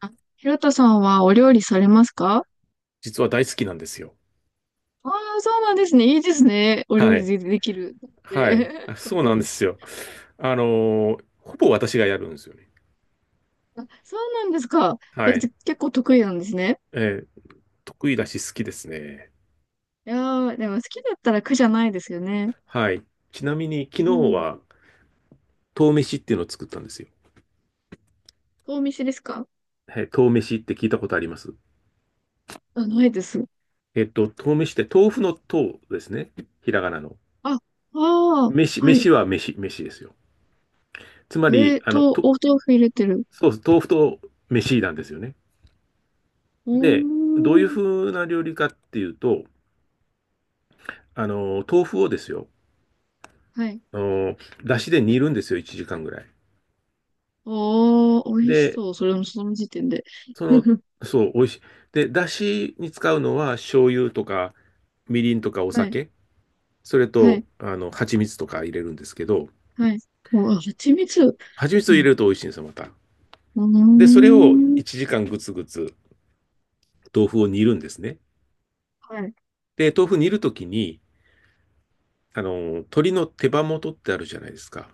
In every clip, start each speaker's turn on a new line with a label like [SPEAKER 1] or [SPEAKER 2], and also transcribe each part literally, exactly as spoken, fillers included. [SPEAKER 1] あ、ひろとさんはお料理されますか？
[SPEAKER 2] 実は大好きなんですよ。
[SPEAKER 1] ああー、そうなんですね。いいですね。お料
[SPEAKER 2] は
[SPEAKER 1] 理
[SPEAKER 2] い。
[SPEAKER 1] で、できる。
[SPEAKER 2] はい。
[SPEAKER 1] え
[SPEAKER 2] あ
[SPEAKER 1] かっ
[SPEAKER 2] そう
[SPEAKER 1] こ
[SPEAKER 2] な
[SPEAKER 1] い
[SPEAKER 2] んで
[SPEAKER 1] い。
[SPEAKER 2] すよ。あのーほぼ私がやるんですよね。
[SPEAKER 1] あ、そうなんですか。そ
[SPEAKER 2] は
[SPEAKER 1] れって
[SPEAKER 2] い。
[SPEAKER 1] 結構得意なんですね。
[SPEAKER 2] えー得意だし好きですね。
[SPEAKER 1] いやー、でも好きだったら苦じゃないですよね。
[SPEAKER 2] はい。ちなみに昨日
[SPEAKER 1] うん。
[SPEAKER 2] は、豆飯っていうのを作ったんですよ。
[SPEAKER 1] お店ですか？
[SPEAKER 2] はい。豆飯って聞いたことあります？
[SPEAKER 1] あ、ないです。
[SPEAKER 2] えっと、豆飯って豆腐の豆ですね。ひらがなの。
[SPEAKER 1] あ、ああ、
[SPEAKER 2] 飯、
[SPEAKER 1] はい。
[SPEAKER 2] 飯は飯、飯ですよ。つまり、
[SPEAKER 1] えー
[SPEAKER 2] あの、
[SPEAKER 1] と、
[SPEAKER 2] と、
[SPEAKER 1] お豆腐入れてる。
[SPEAKER 2] そうです。豆腐と飯なんですよね。
[SPEAKER 1] う
[SPEAKER 2] で、どういう
[SPEAKER 1] ーん。
[SPEAKER 2] 風な料理かっていうと、あの、豆腐をですよ。
[SPEAKER 1] はい。
[SPEAKER 2] あの、だしで煮るんですよ、いちじかんぐらい。
[SPEAKER 1] おー、美味し
[SPEAKER 2] で、
[SPEAKER 1] そう。それもその時点で。
[SPEAKER 2] その、そう、美味しい。で、だしに使うのは醤油とか、みりんとかお
[SPEAKER 1] はい。
[SPEAKER 2] 酒、それ
[SPEAKER 1] は
[SPEAKER 2] と、
[SPEAKER 1] い。
[SPEAKER 2] あの、蜂蜜とか入れるんですけど、
[SPEAKER 1] はい。もうあ、蜂蜜。
[SPEAKER 2] 蜂蜜を
[SPEAKER 1] う
[SPEAKER 2] 入れ
[SPEAKER 1] ん。
[SPEAKER 2] ると美味しいんですよ、また。
[SPEAKER 1] う
[SPEAKER 2] で、
[SPEAKER 1] ー
[SPEAKER 2] それを
[SPEAKER 1] ん。
[SPEAKER 2] いちじかんぐつぐつ豆腐を煮るんですね。
[SPEAKER 1] はい。
[SPEAKER 2] で、豆腐煮るときに、あの、鶏の手羽元ってあるじゃないですか。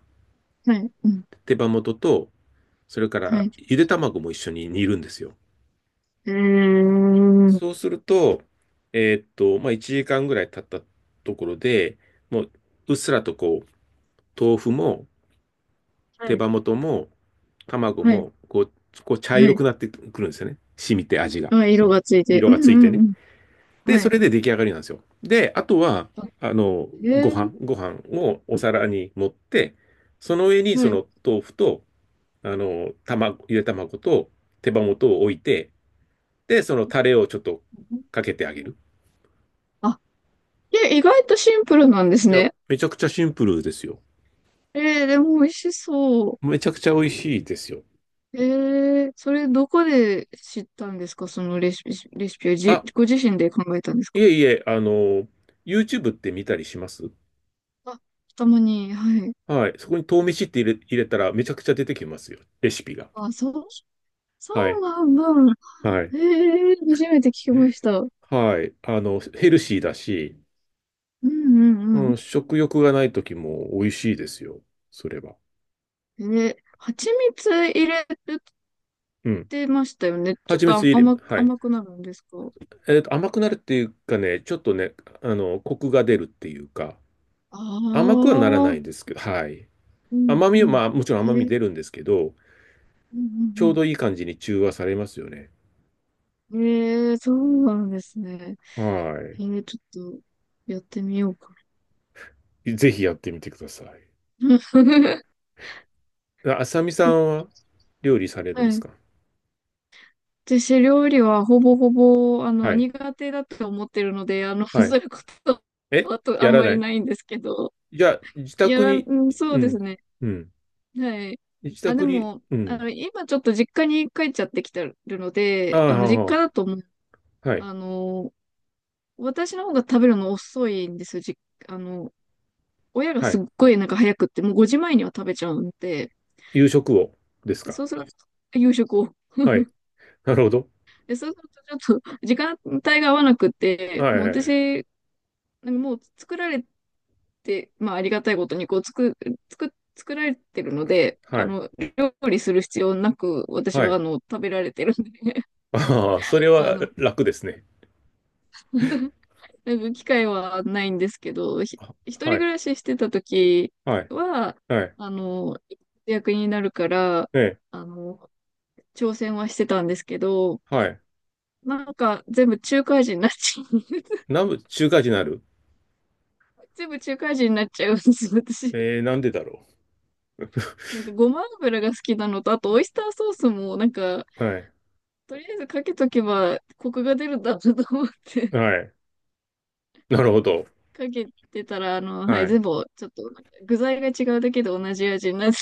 [SPEAKER 1] はい。うん。
[SPEAKER 2] 手羽元と、それか
[SPEAKER 1] は
[SPEAKER 2] ら
[SPEAKER 1] い。
[SPEAKER 2] ゆで卵も一緒に煮るんですよ。
[SPEAKER 1] うーは
[SPEAKER 2] そうすると、えーっと、まあ、いちじかんぐらい経ったところで、もう、うっすらとこう、豆腐も、手羽
[SPEAKER 1] い。
[SPEAKER 2] 元も、卵
[SPEAKER 1] はい。
[SPEAKER 2] も、こう、こう茶
[SPEAKER 1] は
[SPEAKER 2] 色
[SPEAKER 1] い。
[SPEAKER 2] くなってくるんですよね。染みて味が。
[SPEAKER 1] あ、色がついて。
[SPEAKER 2] 色
[SPEAKER 1] うん
[SPEAKER 2] がついて
[SPEAKER 1] う
[SPEAKER 2] ね。
[SPEAKER 1] んうん。
[SPEAKER 2] で、
[SPEAKER 1] は
[SPEAKER 2] そ
[SPEAKER 1] い。
[SPEAKER 2] れで出来上がりなんですよ。で、あとは、
[SPEAKER 1] あ
[SPEAKER 2] あの、
[SPEAKER 1] へ
[SPEAKER 2] ご
[SPEAKER 1] え
[SPEAKER 2] 飯、
[SPEAKER 1] ー、
[SPEAKER 2] ご飯をお皿に盛って、その上に
[SPEAKER 1] は
[SPEAKER 2] そ
[SPEAKER 1] い。
[SPEAKER 2] の豆腐と、あの、卵、ゆで卵と手羽元を置いて、で、そのタレをちょっとかけてあげる。
[SPEAKER 1] あ、え、意外とシンプルなんです
[SPEAKER 2] いや、
[SPEAKER 1] ね。
[SPEAKER 2] めちゃくちゃシンプルですよ。
[SPEAKER 1] えー、でも美味しそう。
[SPEAKER 2] めちゃくちゃ美味しいですよ。
[SPEAKER 1] えー、それどこで知ったんですか？そのレシピ、レシピをじ、
[SPEAKER 2] あ、
[SPEAKER 1] ご自身で考えたんです
[SPEAKER 2] い
[SPEAKER 1] か？
[SPEAKER 2] えいえ、あの、YouTube って見たりします？
[SPEAKER 1] あ、たまに、はい。
[SPEAKER 2] はい。そこに豆飯って入れ、入れたらめちゃくちゃ出てきますよ。レシピが。
[SPEAKER 1] あ、そう、そ
[SPEAKER 2] は
[SPEAKER 1] う
[SPEAKER 2] い。
[SPEAKER 1] なんだ。
[SPEAKER 2] は
[SPEAKER 1] え
[SPEAKER 2] い。
[SPEAKER 1] ー、初めて聞きました。うん
[SPEAKER 2] はい。あの、ヘルシーだし、
[SPEAKER 1] う
[SPEAKER 2] う
[SPEAKER 1] ん
[SPEAKER 2] ん、食欲がない時も美味しいですよ。それは。
[SPEAKER 1] え、蜂蜜入れ
[SPEAKER 2] うん。
[SPEAKER 1] てましたよね。ちょっ
[SPEAKER 2] 蜂
[SPEAKER 1] と
[SPEAKER 2] 蜜
[SPEAKER 1] あ
[SPEAKER 2] 入れ、
[SPEAKER 1] 甘、
[SPEAKER 2] はい。
[SPEAKER 1] 甘くなるんですか？
[SPEAKER 2] えっと、甘くなるっていうかね、ちょっとね、あの、コクが出るっていうか、
[SPEAKER 1] あ
[SPEAKER 2] 甘くはならな
[SPEAKER 1] あ、
[SPEAKER 2] いんですけど、はい。
[SPEAKER 1] うん
[SPEAKER 2] 甘み
[SPEAKER 1] う
[SPEAKER 2] は、ま
[SPEAKER 1] ん。
[SPEAKER 2] あ、もちろん甘
[SPEAKER 1] へ
[SPEAKER 2] み
[SPEAKER 1] え、
[SPEAKER 2] 出るんですけど、
[SPEAKER 1] う
[SPEAKER 2] ちょう
[SPEAKER 1] ん
[SPEAKER 2] どいい感じに中和されますよね。
[SPEAKER 1] うんうん。へえ、そうなんですね。
[SPEAKER 2] は
[SPEAKER 1] へえ、ちょっとやってみようか
[SPEAKER 2] い。ぜひやってみてください。
[SPEAKER 1] な。
[SPEAKER 2] あさみさんは料理されるん
[SPEAKER 1] は
[SPEAKER 2] です
[SPEAKER 1] い。
[SPEAKER 2] か？
[SPEAKER 1] 私、料理はほぼほぼ、あ
[SPEAKER 2] は
[SPEAKER 1] の、
[SPEAKER 2] い。
[SPEAKER 1] 苦手だと思ってるので、あの、そ
[SPEAKER 2] はい。
[SPEAKER 1] ういうことは
[SPEAKER 2] え
[SPEAKER 1] あとあ
[SPEAKER 2] や
[SPEAKER 1] ん
[SPEAKER 2] ら
[SPEAKER 1] ま
[SPEAKER 2] な
[SPEAKER 1] り
[SPEAKER 2] い。
[SPEAKER 1] ないんですけど、
[SPEAKER 2] じゃあ、自
[SPEAKER 1] や
[SPEAKER 2] 宅
[SPEAKER 1] ら
[SPEAKER 2] に、
[SPEAKER 1] ん、そ
[SPEAKER 2] う
[SPEAKER 1] うで
[SPEAKER 2] ん、
[SPEAKER 1] すね。
[SPEAKER 2] うん。
[SPEAKER 1] はい。
[SPEAKER 2] 自
[SPEAKER 1] あ、で
[SPEAKER 2] 宅に、
[SPEAKER 1] も、
[SPEAKER 2] う
[SPEAKER 1] あ
[SPEAKER 2] ん。
[SPEAKER 1] の、今ちょっと実家に帰っちゃってきてるの
[SPEAKER 2] ああ、
[SPEAKER 1] で、
[SPEAKER 2] は
[SPEAKER 1] あの、
[SPEAKER 2] あ
[SPEAKER 1] 実家
[SPEAKER 2] は
[SPEAKER 1] だともう、
[SPEAKER 2] あはい。
[SPEAKER 1] あの、私の方が食べるの遅いんですよ。じ、あの、親が
[SPEAKER 2] は
[SPEAKER 1] す
[SPEAKER 2] い。
[SPEAKER 1] っごいなんか早くって、もうごじまえには食べちゃうんで、
[SPEAKER 2] 夕食をです
[SPEAKER 1] で
[SPEAKER 2] か？
[SPEAKER 1] そうすると、夕食を。
[SPEAKER 2] はい。なるほど。
[SPEAKER 1] で、そうするとちょっと時間帯が合わなくって、
[SPEAKER 2] はい
[SPEAKER 1] もう
[SPEAKER 2] はい。
[SPEAKER 1] 私、なんかもう作られて、まあありがたいことにこう作、作、作られてるので、
[SPEAKER 2] は
[SPEAKER 1] あ
[SPEAKER 2] い。
[SPEAKER 1] の、料理する必要なく、私
[SPEAKER 2] は
[SPEAKER 1] はあ
[SPEAKER 2] い。
[SPEAKER 1] の、食べられてるんで。
[SPEAKER 2] ああ、それ
[SPEAKER 1] あ
[SPEAKER 2] は
[SPEAKER 1] の、
[SPEAKER 2] 楽ですね。
[SPEAKER 1] 本当になんか機会はないんですけど、ひ、
[SPEAKER 2] あ
[SPEAKER 1] 一人暮
[SPEAKER 2] はい。
[SPEAKER 1] らししてた時
[SPEAKER 2] はい。
[SPEAKER 1] は、
[SPEAKER 2] はい。
[SPEAKER 1] あの、役になるから、
[SPEAKER 2] ええ。
[SPEAKER 1] あの、挑戦はしてたんですけど、
[SPEAKER 2] はい。
[SPEAKER 1] なんか全部中華味になっちゃう。
[SPEAKER 2] 南部中華人になる。
[SPEAKER 1] 全部中華味になっちゃうんです、私。
[SPEAKER 2] えー、なんでだろ
[SPEAKER 1] なんかごま油が好きなのと、あとオイスターソースも、なんか、
[SPEAKER 2] う。はい。
[SPEAKER 1] とりあえずかけとけばコクが出るんだなと思って。
[SPEAKER 2] はい。なるほど。
[SPEAKER 1] かけてたら、あの、はい、
[SPEAKER 2] はい。
[SPEAKER 1] 全部、ちょっと、なんか具材が違うだけで同じ味になって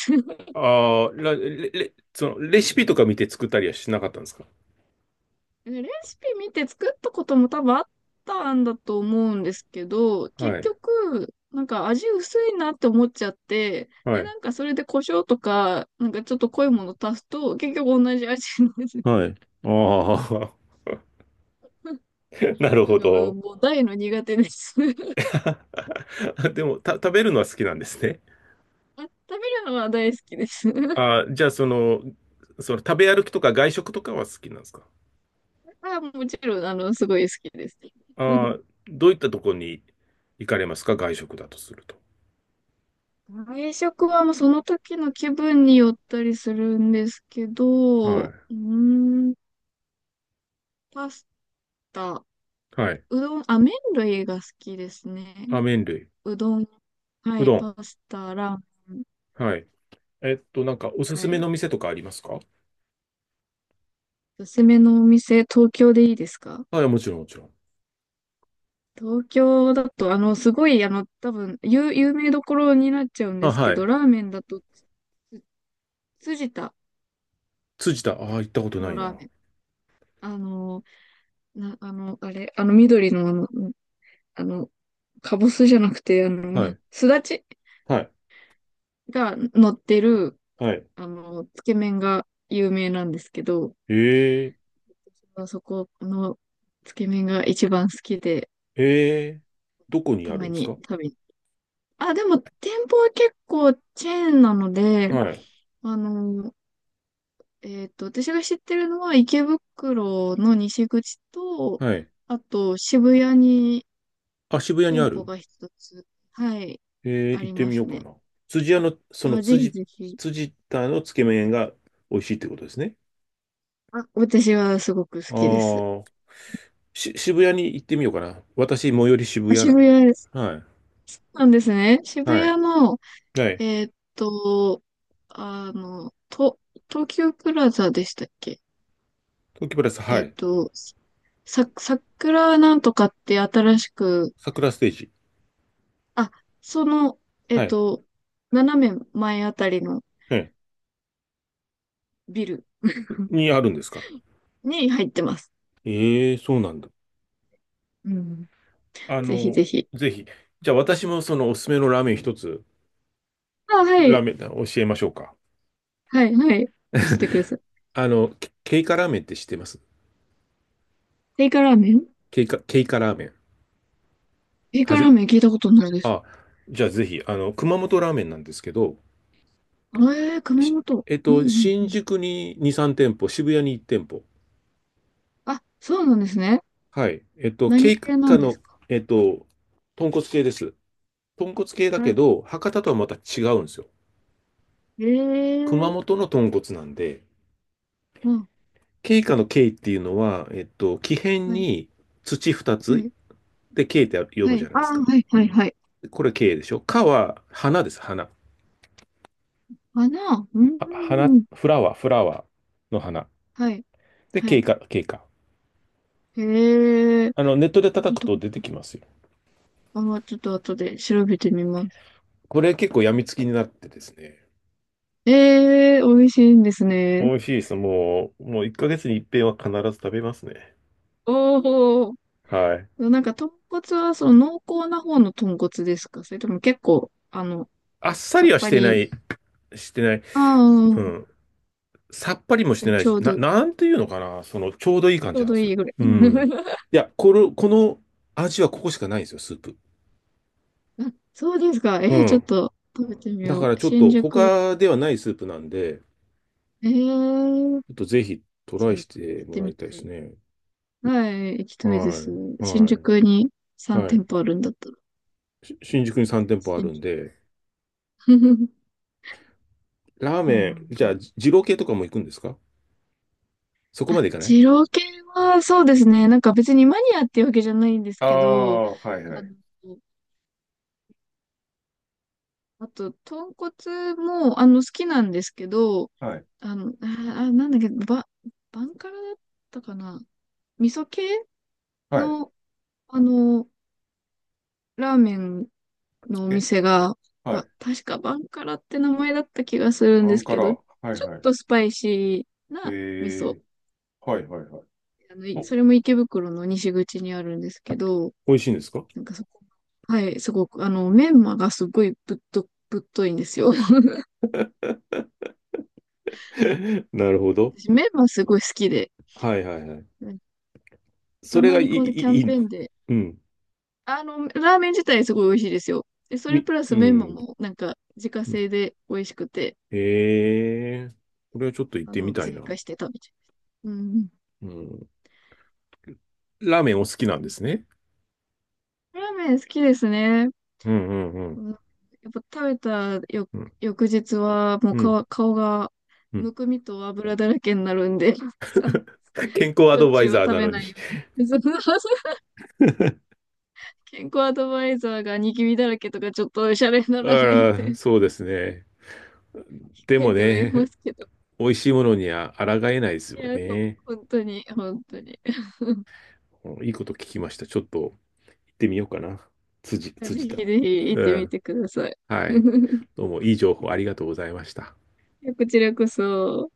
[SPEAKER 2] ああ、らレ、レ、その、レシピとか見て作ったりはしなかったんですか？
[SPEAKER 1] レシピ見て作ったことも多分あったんだと思うんですけど、
[SPEAKER 2] は
[SPEAKER 1] 結
[SPEAKER 2] い。
[SPEAKER 1] 局、なんか味薄いなって思っちゃって、
[SPEAKER 2] は
[SPEAKER 1] で、
[SPEAKER 2] い。
[SPEAKER 1] なんかそれで胡椒とか、なんかちょっと濃いもの足すと、結局同じ味になる。
[SPEAKER 2] はい。ああ、な る
[SPEAKER 1] な
[SPEAKER 2] ほ
[SPEAKER 1] んかもう、
[SPEAKER 2] ど。
[SPEAKER 1] もう大の苦手です。
[SPEAKER 2] でも、た、食べるのは好きなんですね。
[SPEAKER 1] あ、食べるのは大好きです。
[SPEAKER 2] ああ、じゃあ、その、その、食べ歩きとか外食とかは好きなんですか？
[SPEAKER 1] あ、もちろん、あの、すごい好きです。
[SPEAKER 2] ああ、どういったとこに行かれますか？外食だとすると。
[SPEAKER 1] 外食はもうその時の気分によったりするんですけど、
[SPEAKER 2] は
[SPEAKER 1] う
[SPEAKER 2] い。
[SPEAKER 1] ーん、パスタ。
[SPEAKER 2] はい。
[SPEAKER 1] うどん、あ、麺類が好きですね。
[SPEAKER 2] あ、麺類。
[SPEAKER 1] うどん、は
[SPEAKER 2] う
[SPEAKER 1] い、
[SPEAKER 2] どん。
[SPEAKER 1] パスタ、ラーメン、
[SPEAKER 2] はい。えっと、なんか、おす
[SPEAKER 1] は
[SPEAKER 2] すめ
[SPEAKER 1] い。
[SPEAKER 2] の店とかありますか？
[SPEAKER 1] おすすめのお店、東京でいいですか？
[SPEAKER 2] はい、もちろん、もちろん。
[SPEAKER 1] 東京だと、あの、すごい、あの、多分、有、有名どころになっちゃうんで
[SPEAKER 2] あ、
[SPEAKER 1] すけ
[SPEAKER 2] は
[SPEAKER 1] ど、
[SPEAKER 2] い。
[SPEAKER 1] ラーメンだと、辻田
[SPEAKER 2] 辻田、ああ、行ったことな
[SPEAKER 1] の
[SPEAKER 2] いな。
[SPEAKER 1] ラーメン。あの、な、あの、あれ、あの、緑の、あの、あの、かぼすじゃなくて、あ
[SPEAKER 2] は
[SPEAKER 1] の、
[SPEAKER 2] い。
[SPEAKER 1] すだち
[SPEAKER 2] はい。
[SPEAKER 1] が乗ってる、
[SPEAKER 2] はい。
[SPEAKER 1] あの、つけ麺が有名なんですけど、
[SPEAKER 2] ええ、
[SPEAKER 1] そこのつけ麺が一番好きで、
[SPEAKER 2] ええ、どこに
[SPEAKER 1] た
[SPEAKER 2] ある
[SPEAKER 1] ま
[SPEAKER 2] んです
[SPEAKER 1] に
[SPEAKER 2] か？
[SPEAKER 1] 食べに。あ、でも店舗は結構チェーンなので、
[SPEAKER 2] はい。
[SPEAKER 1] あの、えっと、私が知ってるのは池袋の西口と、
[SPEAKER 2] はい。
[SPEAKER 1] あと渋谷に
[SPEAKER 2] あ、渋谷に
[SPEAKER 1] 店
[SPEAKER 2] あ
[SPEAKER 1] 舗
[SPEAKER 2] る？
[SPEAKER 1] が一つ、はい、
[SPEAKER 2] ええ、
[SPEAKER 1] あ
[SPEAKER 2] 行っ
[SPEAKER 1] り
[SPEAKER 2] て
[SPEAKER 1] ま
[SPEAKER 2] みよ
[SPEAKER 1] す
[SPEAKER 2] うか
[SPEAKER 1] ね。
[SPEAKER 2] な。辻屋の、その
[SPEAKER 1] あ、ぜひ
[SPEAKER 2] 辻、
[SPEAKER 1] ぜひ。
[SPEAKER 2] 辻田のつけ麺が美味しいってことですね。
[SPEAKER 1] あ、私はすごく好きです。
[SPEAKER 2] ああ、し、渋谷に行ってみようかな。私、最寄り渋
[SPEAKER 1] あ、
[SPEAKER 2] 谷
[SPEAKER 1] 渋
[SPEAKER 2] なんで。
[SPEAKER 1] 谷です。
[SPEAKER 2] はい。
[SPEAKER 1] そうなんですね。渋
[SPEAKER 2] はい。
[SPEAKER 1] 谷の
[SPEAKER 2] はい。
[SPEAKER 1] えーっと、あの、と、東急プラザでしたっけ？
[SPEAKER 2] 東京プラス、は
[SPEAKER 1] えーっ
[SPEAKER 2] い。
[SPEAKER 1] と、さ、桜なんとかって新しく、
[SPEAKER 2] 桜ステージ。
[SPEAKER 1] あ、その、えー
[SPEAKER 2] は
[SPEAKER 1] っ
[SPEAKER 2] い。
[SPEAKER 1] と、斜め前あたりの
[SPEAKER 2] はい。
[SPEAKER 1] ビル
[SPEAKER 2] にあるんですか？
[SPEAKER 1] に入ってます。
[SPEAKER 2] ええ、そうなんだ。
[SPEAKER 1] うん。
[SPEAKER 2] あ
[SPEAKER 1] ぜひ
[SPEAKER 2] の、
[SPEAKER 1] ぜひ。
[SPEAKER 2] ぜひ。じゃあ私もそのおすすめのラーメン一つ、
[SPEAKER 1] あ、は
[SPEAKER 2] ラー
[SPEAKER 1] い、
[SPEAKER 2] メン教えましょうか？
[SPEAKER 1] はい、はい。教えてください。
[SPEAKER 2] あの、ケケイカラーメンって知ってます？
[SPEAKER 1] テイカラーメン。
[SPEAKER 2] ケイカ、ケイカラーメン。
[SPEAKER 1] テイ
[SPEAKER 2] は
[SPEAKER 1] カラ
[SPEAKER 2] じ、
[SPEAKER 1] ーメン聞いたことないです。
[SPEAKER 2] あ、じゃあぜひ、あの、熊本ラーメンなんですけど、
[SPEAKER 1] ええー、熊
[SPEAKER 2] し
[SPEAKER 1] 本。
[SPEAKER 2] えっ
[SPEAKER 1] うん、う
[SPEAKER 2] と、
[SPEAKER 1] ん。う
[SPEAKER 2] 新
[SPEAKER 1] ん
[SPEAKER 2] 宿ににー、さん店舗、渋谷にいち店舗。
[SPEAKER 1] あ、そうなんですね。
[SPEAKER 2] はい。えっと、ケイ
[SPEAKER 1] 何系な
[SPEAKER 2] カ
[SPEAKER 1] んです
[SPEAKER 2] の、
[SPEAKER 1] か？
[SPEAKER 2] えっと、豚骨系です。豚骨系だ
[SPEAKER 1] は
[SPEAKER 2] け
[SPEAKER 1] い。
[SPEAKER 2] ど、博多とはまた違うんですよ。
[SPEAKER 1] ええ
[SPEAKER 2] 熊
[SPEAKER 1] ー。
[SPEAKER 2] 本の豚骨なんで、
[SPEAKER 1] うん
[SPEAKER 2] ケイカのケイっていうのは、えっと、木偏
[SPEAKER 1] はい、
[SPEAKER 2] に土2
[SPEAKER 1] は
[SPEAKER 2] つ、
[SPEAKER 1] い、
[SPEAKER 2] で、K って読
[SPEAKER 1] は
[SPEAKER 2] むじ
[SPEAKER 1] い。
[SPEAKER 2] ゃない
[SPEAKER 1] あ
[SPEAKER 2] で
[SPEAKER 1] あ、
[SPEAKER 2] すか。
[SPEAKER 1] はい、はい、はい。
[SPEAKER 2] これ K でしょ。かは花です、花。
[SPEAKER 1] 花、うー
[SPEAKER 2] 花、
[SPEAKER 1] ん、
[SPEAKER 2] フラワー、フラワーの花。
[SPEAKER 1] はい、
[SPEAKER 2] で、
[SPEAKER 1] は
[SPEAKER 2] K
[SPEAKER 1] い。
[SPEAKER 2] か、K か。
[SPEAKER 1] へえ、
[SPEAKER 2] あの、ネットで
[SPEAKER 1] 見
[SPEAKER 2] 叩く
[SPEAKER 1] た
[SPEAKER 2] と
[SPEAKER 1] こ
[SPEAKER 2] 出て
[SPEAKER 1] とな
[SPEAKER 2] き
[SPEAKER 1] い
[SPEAKER 2] ますよ。
[SPEAKER 1] あー、ちょっと後で調べてみます。
[SPEAKER 2] これ結構病みつきになってですね。
[SPEAKER 1] ええ、美味しいんですね。
[SPEAKER 2] 美味しいです。もう、もういっかげつに一遍は必ず食べますね。
[SPEAKER 1] おお、
[SPEAKER 2] はい。
[SPEAKER 1] なんか豚骨はその濃厚な方の豚骨ですか？それとも結構、あの、
[SPEAKER 2] あっさ
[SPEAKER 1] さ
[SPEAKER 2] り
[SPEAKER 1] っ
[SPEAKER 2] はし
[SPEAKER 1] ぱ
[SPEAKER 2] てな
[SPEAKER 1] り、
[SPEAKER 2] い、してない。
[SPEAKER 1] あ
[SPEAKER 2] う
[SPEAKER 1] あ、
[SPEAKER 2] ん。さっぱりもしてない
[SPEAKER 1] ち
[SPEAKER 2] し、
[SPEAKER 1] ょう
[SPEAKER 2] な、
[SPEAKER 1] ど、
[SPEAKER 2] なんていうのかな。その、ちょうどいい
[SPEAKER 1] ち
[SPEAKER 2] 感
[SPEAKER 1] ょ
[SPEAKER 2] じ
[SPEAKER 1] う
[SPEAKER 2] なん
[SPEAKER 1] ど
[SPEAKER 2] です
[SPEAKER 1] い
[SPEAKER 2] よ。
[SPEAKER 1] いぐらい。
[SPEAKER 2] うん。いや、この、この味はここしかないんですよ、スープ。
[SPEAKER 1] あそうですか。え
[SPEAKER 2] う
[SPEAKER 1] ーちょっ
[SPEAKER 2] ん。
[SPEAKER 1] と食べてみ
[SPEAKER 2] だ
[SPEAKER 1] よ
[SPEAKER 2] から
[SPEAKER 1] う。
[SPEAKER 2] ちょっ
[SPEAKER 1] 新
[SPEAKER 2] と
[SPEAKER 1] 宿、
[SPEAKER 2] 他ではないスープなんで、
[SPEAKER 1] えー
[SPEAKER 2] ちょっとぜひト
[SPEAKER 1] ち
[SPEAKER 2] ラ
[SPEAKER 1] ょ
[SPEAKER 2] イ
[SPEAKER 1] っ
[SPEAKER 2] し
[SPEAKER 1] と
[SPEAKER 2] て
[SPEAKER 1] 行っ
[SPEAKER 2] も
[SPEAKER 1] て
[SPEAKER 2] ら
[SPEAKER 1] み
[SPEAKER 2] いたい
[SPEAKER 1] た
[SPEAKER 2] です
[SPEAKER 1] い。
[SPEAKER 2] ね。
[SPEAKER 1] はい、行きたいで
[SPEAKER 2] は
[SPEAKER 1] す。
[SPEAKER 2] い。
[SPEAKER 1] 新
[SPEAKER 2] はい。
[SPEAKER 1] 宿にさん
[SPEAKER 2] は
[SPEAKER 1] 店
[SPEAKER 2] い。
[SPEAKER 1] 舗あるんだったら。
[SPEAKER 2] し新宿にさん店舗あ
[SPEAKER 1] 新
[SPEAKER 2] るん
[SPEAKER 1] 宿。
[SPEAKER 2] で、ラー
[SPEAKER 1] そう
[SPEAKER 2] メ
[SPEAKER 1] な
[SPEAKER 2] ン、
[SPEAKER 1] ん
[SPEAKER 2] じゃ
[SPEAKER 1] だ。
[SPEAKER 2] あ、じ二郎系とかも行くんですか？そこ
[SPEAKER 1] あ、
[SPEAKER 2] まで行かない？
[SPEAKER 1] 二郎系は、そうですね。なんか別にマニアっていうわけじゃないんです
[SPEAKER 2] あ
[SPEAKER 1] けど、
[SPEAKER 2] あ、はいは
[SPEAKER 1] あ
[SPEAKER 2] い。
[SPEAKER 1] の、あと、豚骨も、あの、好きなんですけど、
[SPEAKER 2] はい。
[SPEAKER 1] あの、あ、あなんだっけ、ば、バンカラだったかな。味噌系
[SPEAKER 2] はい。
[SPEAKER 1] の、あの、ラーメンのお
[SPEAKER 2] え、
[SPEAKER 1] 店が、
[SPEAKER 2] は
[SPEAKER 1] ば、
[SPEAKER 2] い。
[SPEAKER 1] 確かバンカラって名前だった気がするん
[SPEAKER 2] ア
[SPEAKER 1] で
[SPEAKER 2] ン
[SPEAKER 1] す
[SPEAKER 2] カ
[SPEAKER 1] け
[SPEAKER 2] ラ。
[SPEAKER 1] ど、ち
[SPEAKER 2] はい
[SPEAKER 1] ょっ
[SPEAKER 2] はい。
[SPEAKER 1] とスパイシー
[SPEAKER 2] え
[SPEAKER 1] な味噌。
[SPEAKER 2] ー、はいはいはい。
[SPEAKER 1] あの、い
[SPEAKER 2] お、
[SPEAKER 1] それも池袋の西口にあるんですけど、
[SPEAKER 2] 美味しいんですか？
[SPEAKER 1] なんかそこ、はい、すごく、あの、メンマがすごいぶっと、ぶっといんですよ。
[SPEAKER 2] なるほど。
[SPEAKER 1] 私、メンマすごい好きで、
[SPEAKER 2] はいはいはい。
[SPEAKER 1] なんか
[SPEAKER 2] そ
[SPEAKER 1] た
[SPEAKER 2] れ
[SPEAKER 1] ま
[SPEAKER 2] がい
[SPEAKER 1] に
[SPEAKER 2] い、
[SPEAKER 1] この
[SPEAKER 2] い
[SPEAKER 1] キャ
[SPEAKER 2] い、い
[SPEAKER 1] ンペ
[SPEAKER 2] い。
[SPEAKER 1] ーンで、
[SPEAKER 2] うん。
[SPEAKER 1] あの、ラーメン自体すごい美味しいですよ。で、それ
[SPEAKER 2] み、
[SPEAKER 1] プラ
[SPEAKER 2] う
[SPEAKER 1] スメンマ
[SPEAKER 2] ん。
[SPEAKER 1] も、なんか、自家製で美味しくて、
[SPEAKER 2] へえ、これはちょっと行っ
[SPEAKER 1] あ
[SPEAKER 2] てみ
[SPEAKER 1] の、
[SPEAKER 2] たい
[SPEAKER 1] 追加
[SPEAKER 2] な。
[SPEAKER 1] して食べちゃう。うん。
[SPEAKER 2] うん。ラーメンお好きなんですね。
[SPEAKER 1] ラーメン好きですね。
[SPEAKER 2] うんうんう
[SPEAKER 1] う
[SPEAKER 2] ん。
[SPEAKER 1] んやっぱ食べたよ
[SPEAKER 2] うん。
[SPEAKER 1] 翌日はもう
[SPEAKER 2] うん。
[SPEAKER 1] 顔、顔が
[SPEAKER 2] うん。
[SPEAKER 1] むくみと油だらけになるんで、さ、
[SPEAKER 2] 健康ア
[SPEAKER 1] しょっ
[SPEAKER 2] ドバ
[SPEAKER 1] ち
[SPEAKER 2] イ
[SPEAKER 1] ゅうは
[SPEAKER 2] ザー
[SPEAKER 1] 食
[SPEAKER 2] な
[SPEAKER 1] べ
[SPEAKER 2] のに。
[SPEAKER 1] ないよ うに。そう健康アドバイザーがニキビだらけとかちょっとおしゃれにな
[SPEAKER 2] あ
[SPEAKER 1] らないん
[SPEAKER 2] ら、
[SPEAKER 1] で、
[SPEAKER 2] そうですね。で
[SPEAKER 1] 書
[SPEAKER 2] も
[SPEAKER 1] いてはいま
[SPEAKER 2] ね、
[SPEAKER 1] すけど。
[SPEAKER 2] 美味しいものには抗えないです
[SPEAKER 1] い
[SPEAKER 2] よ
[SPEAKER 1] や、ほ
[SPEAKER 2] ね。
[SPEAKER 1] 本当に、本当に。
[SPEAKER 2] うん。いいこと聞きました。ちょっと行ってみようかな。辻、
[SPEAKER 1] ぜ
[SPEAKER 2] 辻
[SPEAKER 1] ひ
[SPEAKER 2] 田。
[SPEAKER 1] ぜひ行っ
[SPEAKER 2] う
[SPEAKER 1] てみ
[SPEAKER 2] ん。
[SPEAKER 1] てください。
[SPEAKER 2] はい。どうもいい情報ありがとうございました。
[SPEAKER 1] こちらこそ。